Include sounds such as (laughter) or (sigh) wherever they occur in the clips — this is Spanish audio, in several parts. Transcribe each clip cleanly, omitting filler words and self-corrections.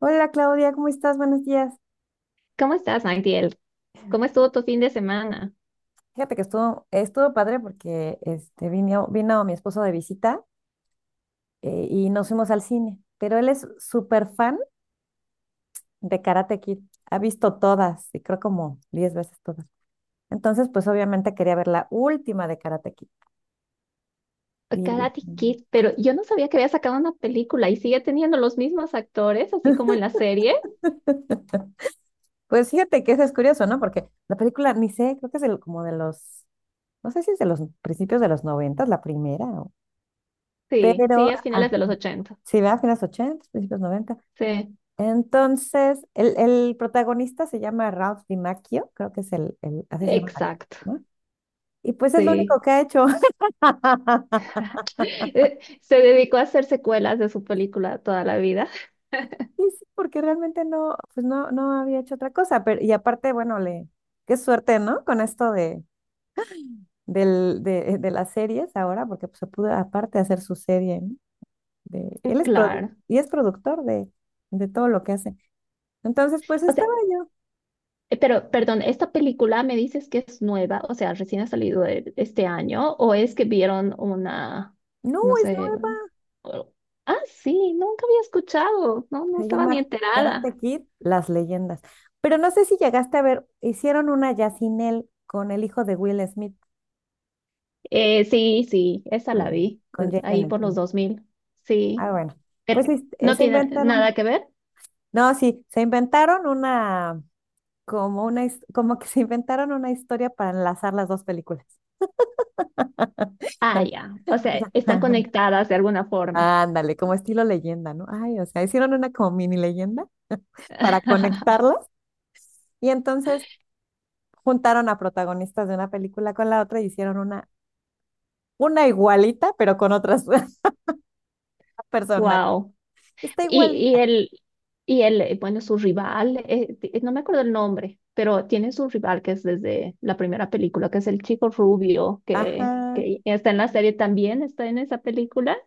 Hola Claudia, ¿cómo estás? Buenos días. ¿Cómo estás, Magdiel? ¿Cómo estuvo tu fin de semana? Fíjate que estuvo padre porque vino mi esposo de visita, y nos fuimos al cine, pero él es súper fan de Karate Kid. Ha visto todas y creo como 10 veces todas. Entonces, pues obviamente quería ver la última de Karate Kid. Y dije, Karate Kid, pero yo no sabía que había sacado una película y sigue teniendo los mismos actores, así como en la serie. (laughs) pues fíjate que eso es curioso, ¿no? Porque la película, ni sé, creo que es el- como de los, no sé si es de los principios de los noventas, la primera, Sí, sí, pero es finales de los 80. sí, va a finales 80, principios 90. Sí, Entonces, el protagonista se llama Ralph DiMacchio, creo que así se llama, el actor, exacto. ¿no? Y pues es lo único Sí. que ha hecho. (laughs) (laughs) Se dedicó a hacer secuelas de su película toda la vida. Y sí, porque realmente no había hecho otra cosa. Pero, y aparte, bueno, qué suerte, ¿no? Con esto de las series ahora, porque pues, se pudo aparte hacer su serie, ¿no? De, él (laughs) es produ- Claro. y es productor de todo lo que hace. Entonces, pues O sea, estaba yo, pero perdón, ¿esta película me dices que es nueva? O sea, recién ha salido este año, ¿o es que vieron una? no, No es sé. nueva. Oh, ah, sí, nunca había escuchado, no, no Se estaba ni llama enterada. Karate Kid, Las Leyendas. Pero no sé si llegaste a ver, hicieron una ya sin él con el hijo de Will Smith, Sí, sí, esa la con vi, con pues, ahí Jaden por los Smith. 2000, Ah, sí, bueno. pero Pues no tiene nada que ver. no, sí, se inventaron una, como que se inventaron una historia para enlazar las dos películas. Ah, (laughs) ya, o sea, están conectadas de alguna forma. Ándale, como estilo leyenda, ¿no? Ay, o sea, hicieron una como mini leyenda para (laughs) conectarlas y entonces juntaron a protagonistas de una película con la otra y hicieron una igualita, pero con otras (laughs) personas. Wow. Está Y, y igualita. el, bueno, su rival, no me acuerdo el nombre, pero tiene su rival que es desde la primera película, que es el chico rubio, Ajá. que está en la serie también, está en esa película.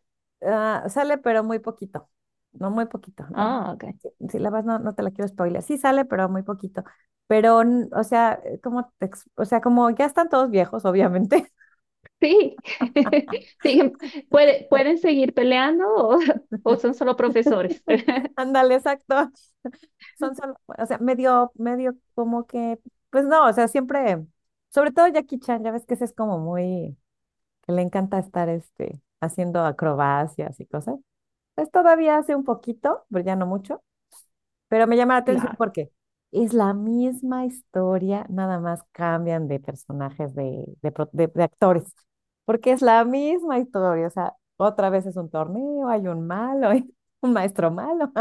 Ah, sale, pero muy poquito. No, muy poquito. No, Ah, ok. si la vas, no te la quiero spoiler. Sí sale, pero muy poquito. Pero, o sea, o sea, como ya están todos viejos, obviamente. Sí, (laughs) siguen, pueden seguir peleando, o, (laughs) o son solo profesores. (laughs) (laughs) Ándale, exacto. Son solo, o sea, medio como que, pues no, o sea, siempre, sobre todo Jackie Chan, ya ves que ese es como muy, que le encanta estar, haciendo acrobacias y cosas. Pues todavía hace un poquito, pero ya no mucho, pero me llama la atención Claro, porque es la misma historia, nada más cambian de personajes, de actores, porque es la misma historia, o sea, otra vez es un torneo, hay un malo, (laughs) un maestro malo.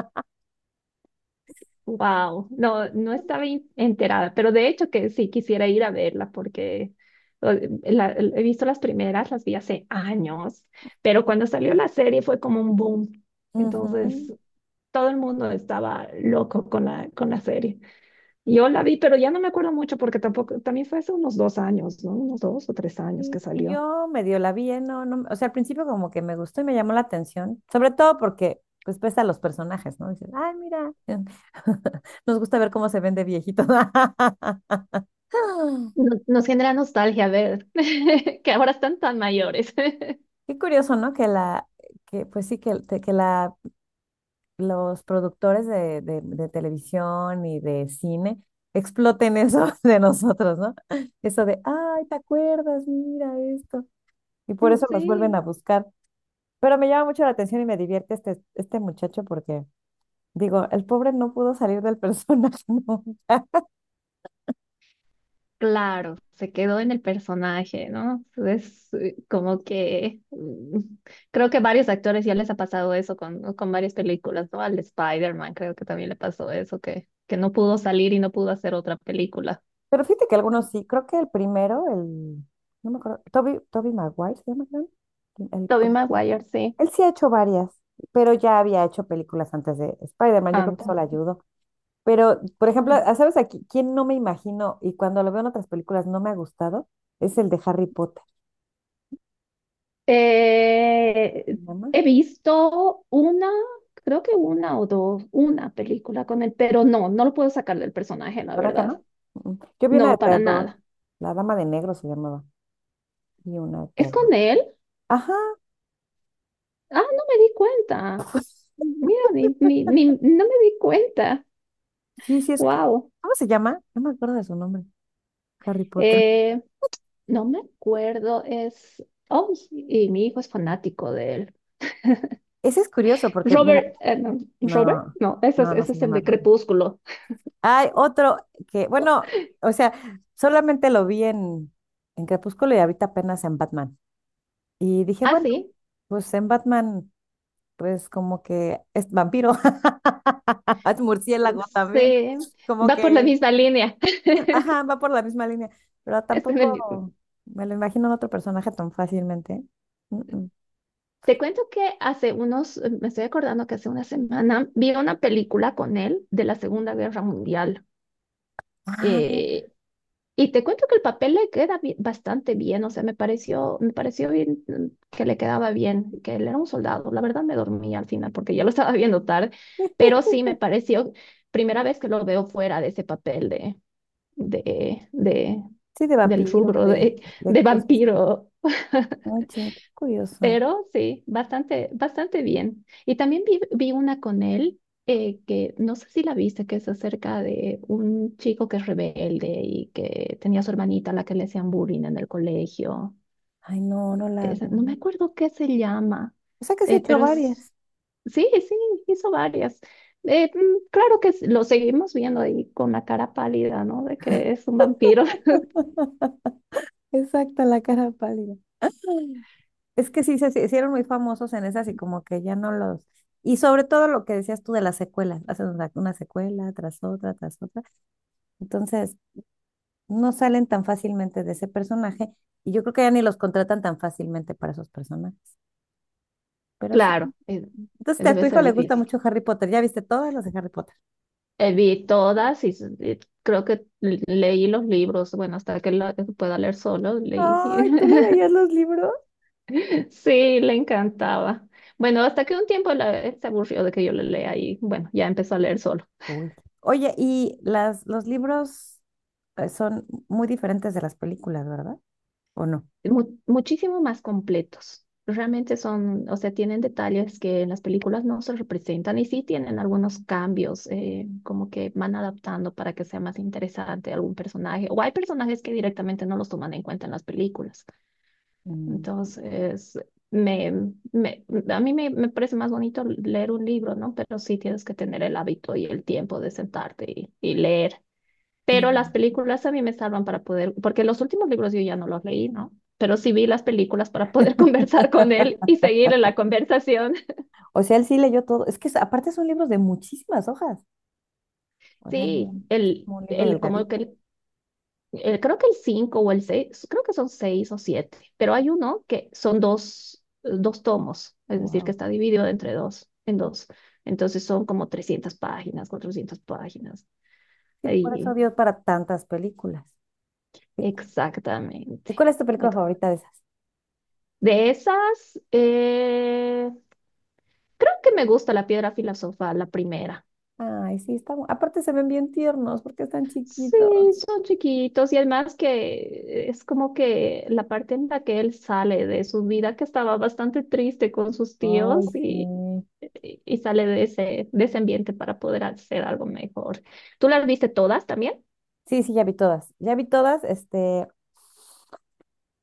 wow, no, no estaba enterada, pero de hecho que sí quisiera ir a verla porque o- he visto las primeras, las vi hace años, pero cuando salió la serie fue como un boom, Ujú. entonces todo el mundo estaba loco con la serie. Yo la vi, pero ya no me acuerdo mucho porque tampoco, también fue hace unos dos. Y yo medio la vi, ¿eh? No, no, o sea, al principio como que me gustó y me llamó la atención, sobre todo porque pues pesa los personajes, ¿no? Dices, ay, mira, (laughs) nos gusta ver cómo se ven de viejitos. (laughs) Nos genera nostalgia ver (laughs) que ahora están tan mayores. (laughs) Qué curioso, ¿no? Pues sí, que, te- que la, los productores de televisión y de cine exploten eso (laughs) de nosotros, ¿no? Eso de, ay, ¿te acuerdas? Mira esto. Y por eso los vuelven Sí, a buscar. Pero me llama mucho la atención y me divierte este muchacho porque, digo, el pobre no pudo salir del personaje (laughs) nunca. claro, se quedó en el personaje, ¿no? Es creo que varios actores ya les ha pasado eso con, ¿no? Con varias películas, ¿no? Al Spider-Man creo que también le pasó eso, que no pudo salir y no pudo hacer otra película. Pero fíjate que algunos sí. Creo que el primero, el, no me acuerdo, Toby Maguire se llama, creo. El, Tobey Maguire, sí, Él sí ha hecho varias, pero ya había hecho películas antes de Spider-Man, yo creo que eso antes. le ayudó. Pero, por Sí. ejemplo, ¿sabes aquí quién no me imagino y cuando lo veo en otras películas no me ha gustado? Es el de Harry Potter. ¿Se Eh, llama? He visto una, creo que una o dos, una película con él, pero no, no lo puedo sacar del personaje, la ¿Verdad que verdad. no? Mm, mm. Yo vi una de No, para terror, nada. La Dama de Negro se llamaba, y una de ¿Es terror. con él? Ajá, Ah, no me di cuenta. Mira, no me di cuenta. sí, sí es. Wow. ¿Cómo se llama? No me acuerdo de su nombre, Harry Potter. Eh, no me acuerdo, es... Oh, sí, y mi hijo es fanático de él. Ese es curioso porque, mira, Robert, no, Robert, no, no, no, no ese se es el llama de Ron. Crepúsculo. Hay otro que, bueno, o sea, solamente lo vi en, Crepúsculo y ahorita apenas en Batman. Y dije, Ah, bueno, sí, pues en Batman, pues como que es vampiro, (laughs) es murciélago también, sí, como va por la que, misma línea. ajá, va por la misma línea, pero Está en el mismo. tampoco me lo imagino en otro personaje tan fácilmente. Mm, mm. Te cuento que hace unos, me estoy acordando que hace una semana vi una película con él de la Segunda Guerra Mundial. Ah, Eh, y te cuento que el papel le queda bastante bien, o sea, me pareció bien, mm, que le quedaba bien, que él era un soldado. La verdad me dormí al final porque ya lo estaba viendo tarde, pero sí me pareció, primera vez que lo veo fuera de ese papel de, de, sí, de del vampiros, rubro de, de de cosas. vampiro. (laughs) Oye, qué curioso. Pero sí, bastante, bastante bien. Y también vi una con él, que no sé si la viste, que es acerca de un chico que es rebelde y que tenía a su hermanita a la que le hacían bullying en el colegio. Ay, no, no la No vi. me acuerdo qué se llama, O sea que sí he hecho pero varias. es, sí, sí, hizo varias. Claro que lo seguimos viendo ahí con la cara pálida, ¿no? De que es un vampiro. (laughs) (laughs) Exacto, la cara pálida. Mm. Es que sí, se hicieron muy famosos en esas y como que ya no los... Y sobre todo lo que decías tú de las secuelas, hacen una secuela tras otra, tras otra. Entonces, no salen tan fácilmente de ese personaje y yo creo que ya ni los contratan tan fácilmente para esos personajes. Pero sí. Claro, Entonces, a debe tu hijo ser le gusta difícil. mucho Harry Potter. ¿Ya viste todas las de Harry Potter? Vi todas y, y creo que leí los libros, bueno, hasta que la que pueda leer solo, leí. Ay, ¿tú le leías (laughs) los libros? Sí, le encantaba. Bueno, hasta que un tiempo la, se aburrió de que yo le lea y bueno, ya empezó a leer solo. Uy. Oye, y los libros son muy diferentes de las películas, ¿verdad? ¿O Muchísimo más completos. Realmente son, o sea, tienen detalles que en las películas no se representan y sí tienen algunos cambios, como que van adaptando para que sea más interesante algún personaje. O hay personajes que directamente no los toman en cuenta en las películas. no? Entonces, me parece más bonito leer un libro, ¿no? Pero sí tienes que tener el hábito y el tiempo de sentarte y leer. Y... Pero las películas a mí me salvan para poder, porque los últimos libros yo ya no los leí, ¿no? Pero sí vi las películas para poder (laughs) conversar con él y (laughs) seguir en la conversación. O sea, él sí leyó todo. Es que aparte son libros de muchísimas hojas. O sea, no Sí, es como un libro el, como que delgadito. el creo que el 5 o el seis, creo que son 6 o siete, pero hay uno que son dos, dos tomos, es decir, que Wow. está dividido entre dos, en dos. Entonces son como 300 páginas, 400 páginas. Sí, por Ahí, eso dio para tantas películas. ¿Y y exactamente. cuál es tu película Ex- favorita de esas? De esas, creo que me gusta la piedra filosofal, la primera. Ay, sí, aparte se ven bien tiernos porque están Sí, chiquitos. son chiquitos y además que es como que la parte en la que él sale de su vida que estaba bastante triste con sus Ay, tíos sí. Y sale de ese ambiente para poder hacer algo mejor. ¿Tú las viste todas también? Sí, sí, ya vi todas. Ya vi todas.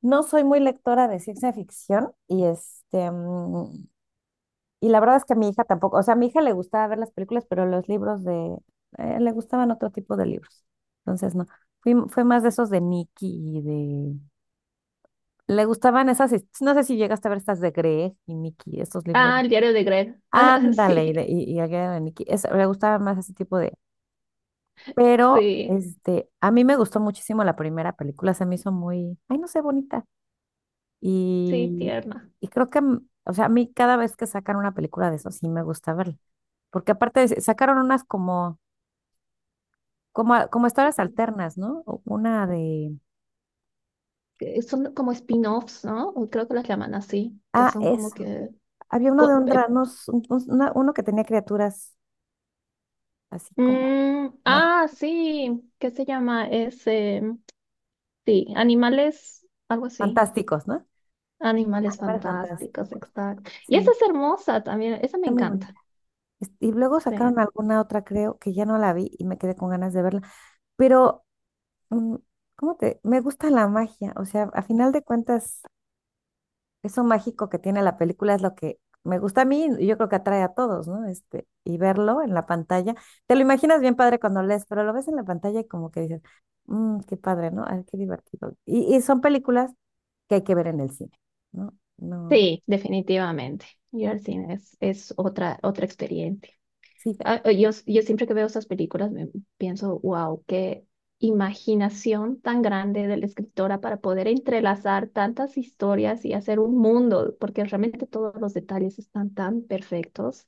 No soy muy lectora de ciencia ficción Y la verdad es que a mi hija tampoco, o sea, a mi hija le gustaba ver las películas, pero los libros le gustaban otro tipo de libros. Entonces, no, fue más de esos de Nicky y de... Le gustaban no sé si llegaste a ver estas de Greg y Nicky, estos libros. Ah, el diario de Greg. (laughs) Ándale, y, de- Sí, y, y aquella de Nicky, le gustaba más ese tipo de... Pero, sí, a mí me gustó muchísimo la primera película, se me hizo muy, ay, no sé, bonita. sí, Y, tierna. y creo que, o sea, a mí cada vez que sacan una película de eso, sí me gusta verla. Porque aparte sacaron unas como, como historias alternas, ¿no? Una de... ¿Que son como spin-offs, ¿no? O creo que las llaman así, que Ah, son como eso. que... Había uno de co- eh, uno que tenía criaturas así como mag- ah, sí, ¿qué se llama? Es, sí, animales, algo así. fantásticos, ¿no? Animales Animales fantásticos. fantásticos, exacto. Y esa Sí, es hermosa también, esa me está muy encanta. bonita. Y luego sacaron Sí. alguna otra, creo, que ya no la vi y me quedé con ganas de verla. Pero, mm, ¿cómo te? Me gusta la magia. O sea, a final de cuentas eso mágico que tiene la película es lo que me gusta a mí y yo creo que atrae a todos, ¿no? Y verlo en la pantalla, te lo imaginas bien padre cuando lees, pero lo ves en la pantalla y como que dices, "Mm, qué padre, ¿no? Ay, qué divertido". Y son películas que hay que ver en el cine, ¿no? No, Sí, definitivamente. Ir al cine es otra, otra experiencia. sí. Yo siempre que veo esas películas me pienso, wow, qué imaginación tan grande de la escritora para poder entrelazar tantas historias y hacer un mundo, porque realmente todos los detalles están tan perfectos.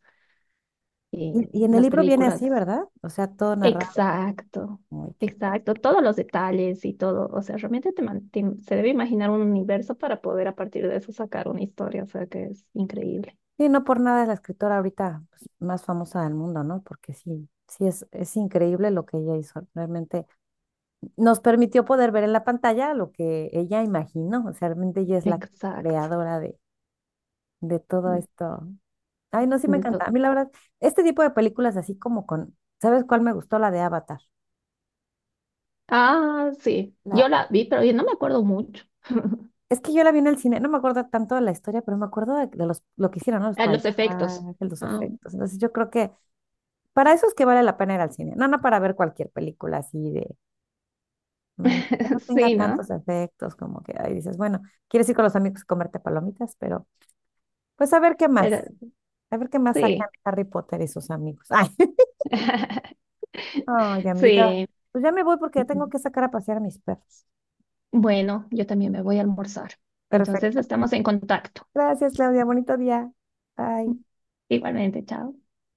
Y Y en el las libro viene así, películas, ¿verdad? O sea, todo narrado. exacto, Ay, qué padre. exacto, todos los detalles y todo, o sea, realmente te, se debe imaginar un universo para poder a partir de eso sacar una historia, o sea, que es increíble. Sí, no por nada es la escritora ahorita pues, más famosa del mundo, ¿no? Porque sí, sí es increíble lo que ella hizo. Realmente nos permitió poder ver en la pantalla lo que ella imaginó, o sea, realmente ella es la Exacto. creadora de todo De, esto. Ay, no, sí me de encanta. todo. A mí la verdad, este tipo de películas así como con, ¿sabes cuál me gustó? La de Avatar. Ah, sí. La, Yo la vi, pero yo no me acuerdo mucho. (laughs) es que yo la vi en el cine, no me acuerdo tanto de la historia, pero me acuerdo lo que hicieron, ¿no? Los Ah, los paisajes, efectos. los Ah, efectos. Entonces yo creo que para eso es que vale la pena ir al cine, no, para ver cualquier película así que no (laughs) tenga sí, ¿no? tantos efectos, como que ahí dices, bueno, quieres ir con los amigos a comerte palomitas, pero pues a ver qué Pero más. A ver qué más sacan sí. Harry Potter y sus amigos. Ay, (laughs) (laughs) ay, amiguita. Sí. Pues ya me voy porque Mm, ya tengo mm. que sacar a pasear a mis perros. Bueno, yo también me voy a almorzar. Entonces Perfecto. estamos en contacto. Gracias, Claudia. Bonito día. Bye. Igualmente, chao.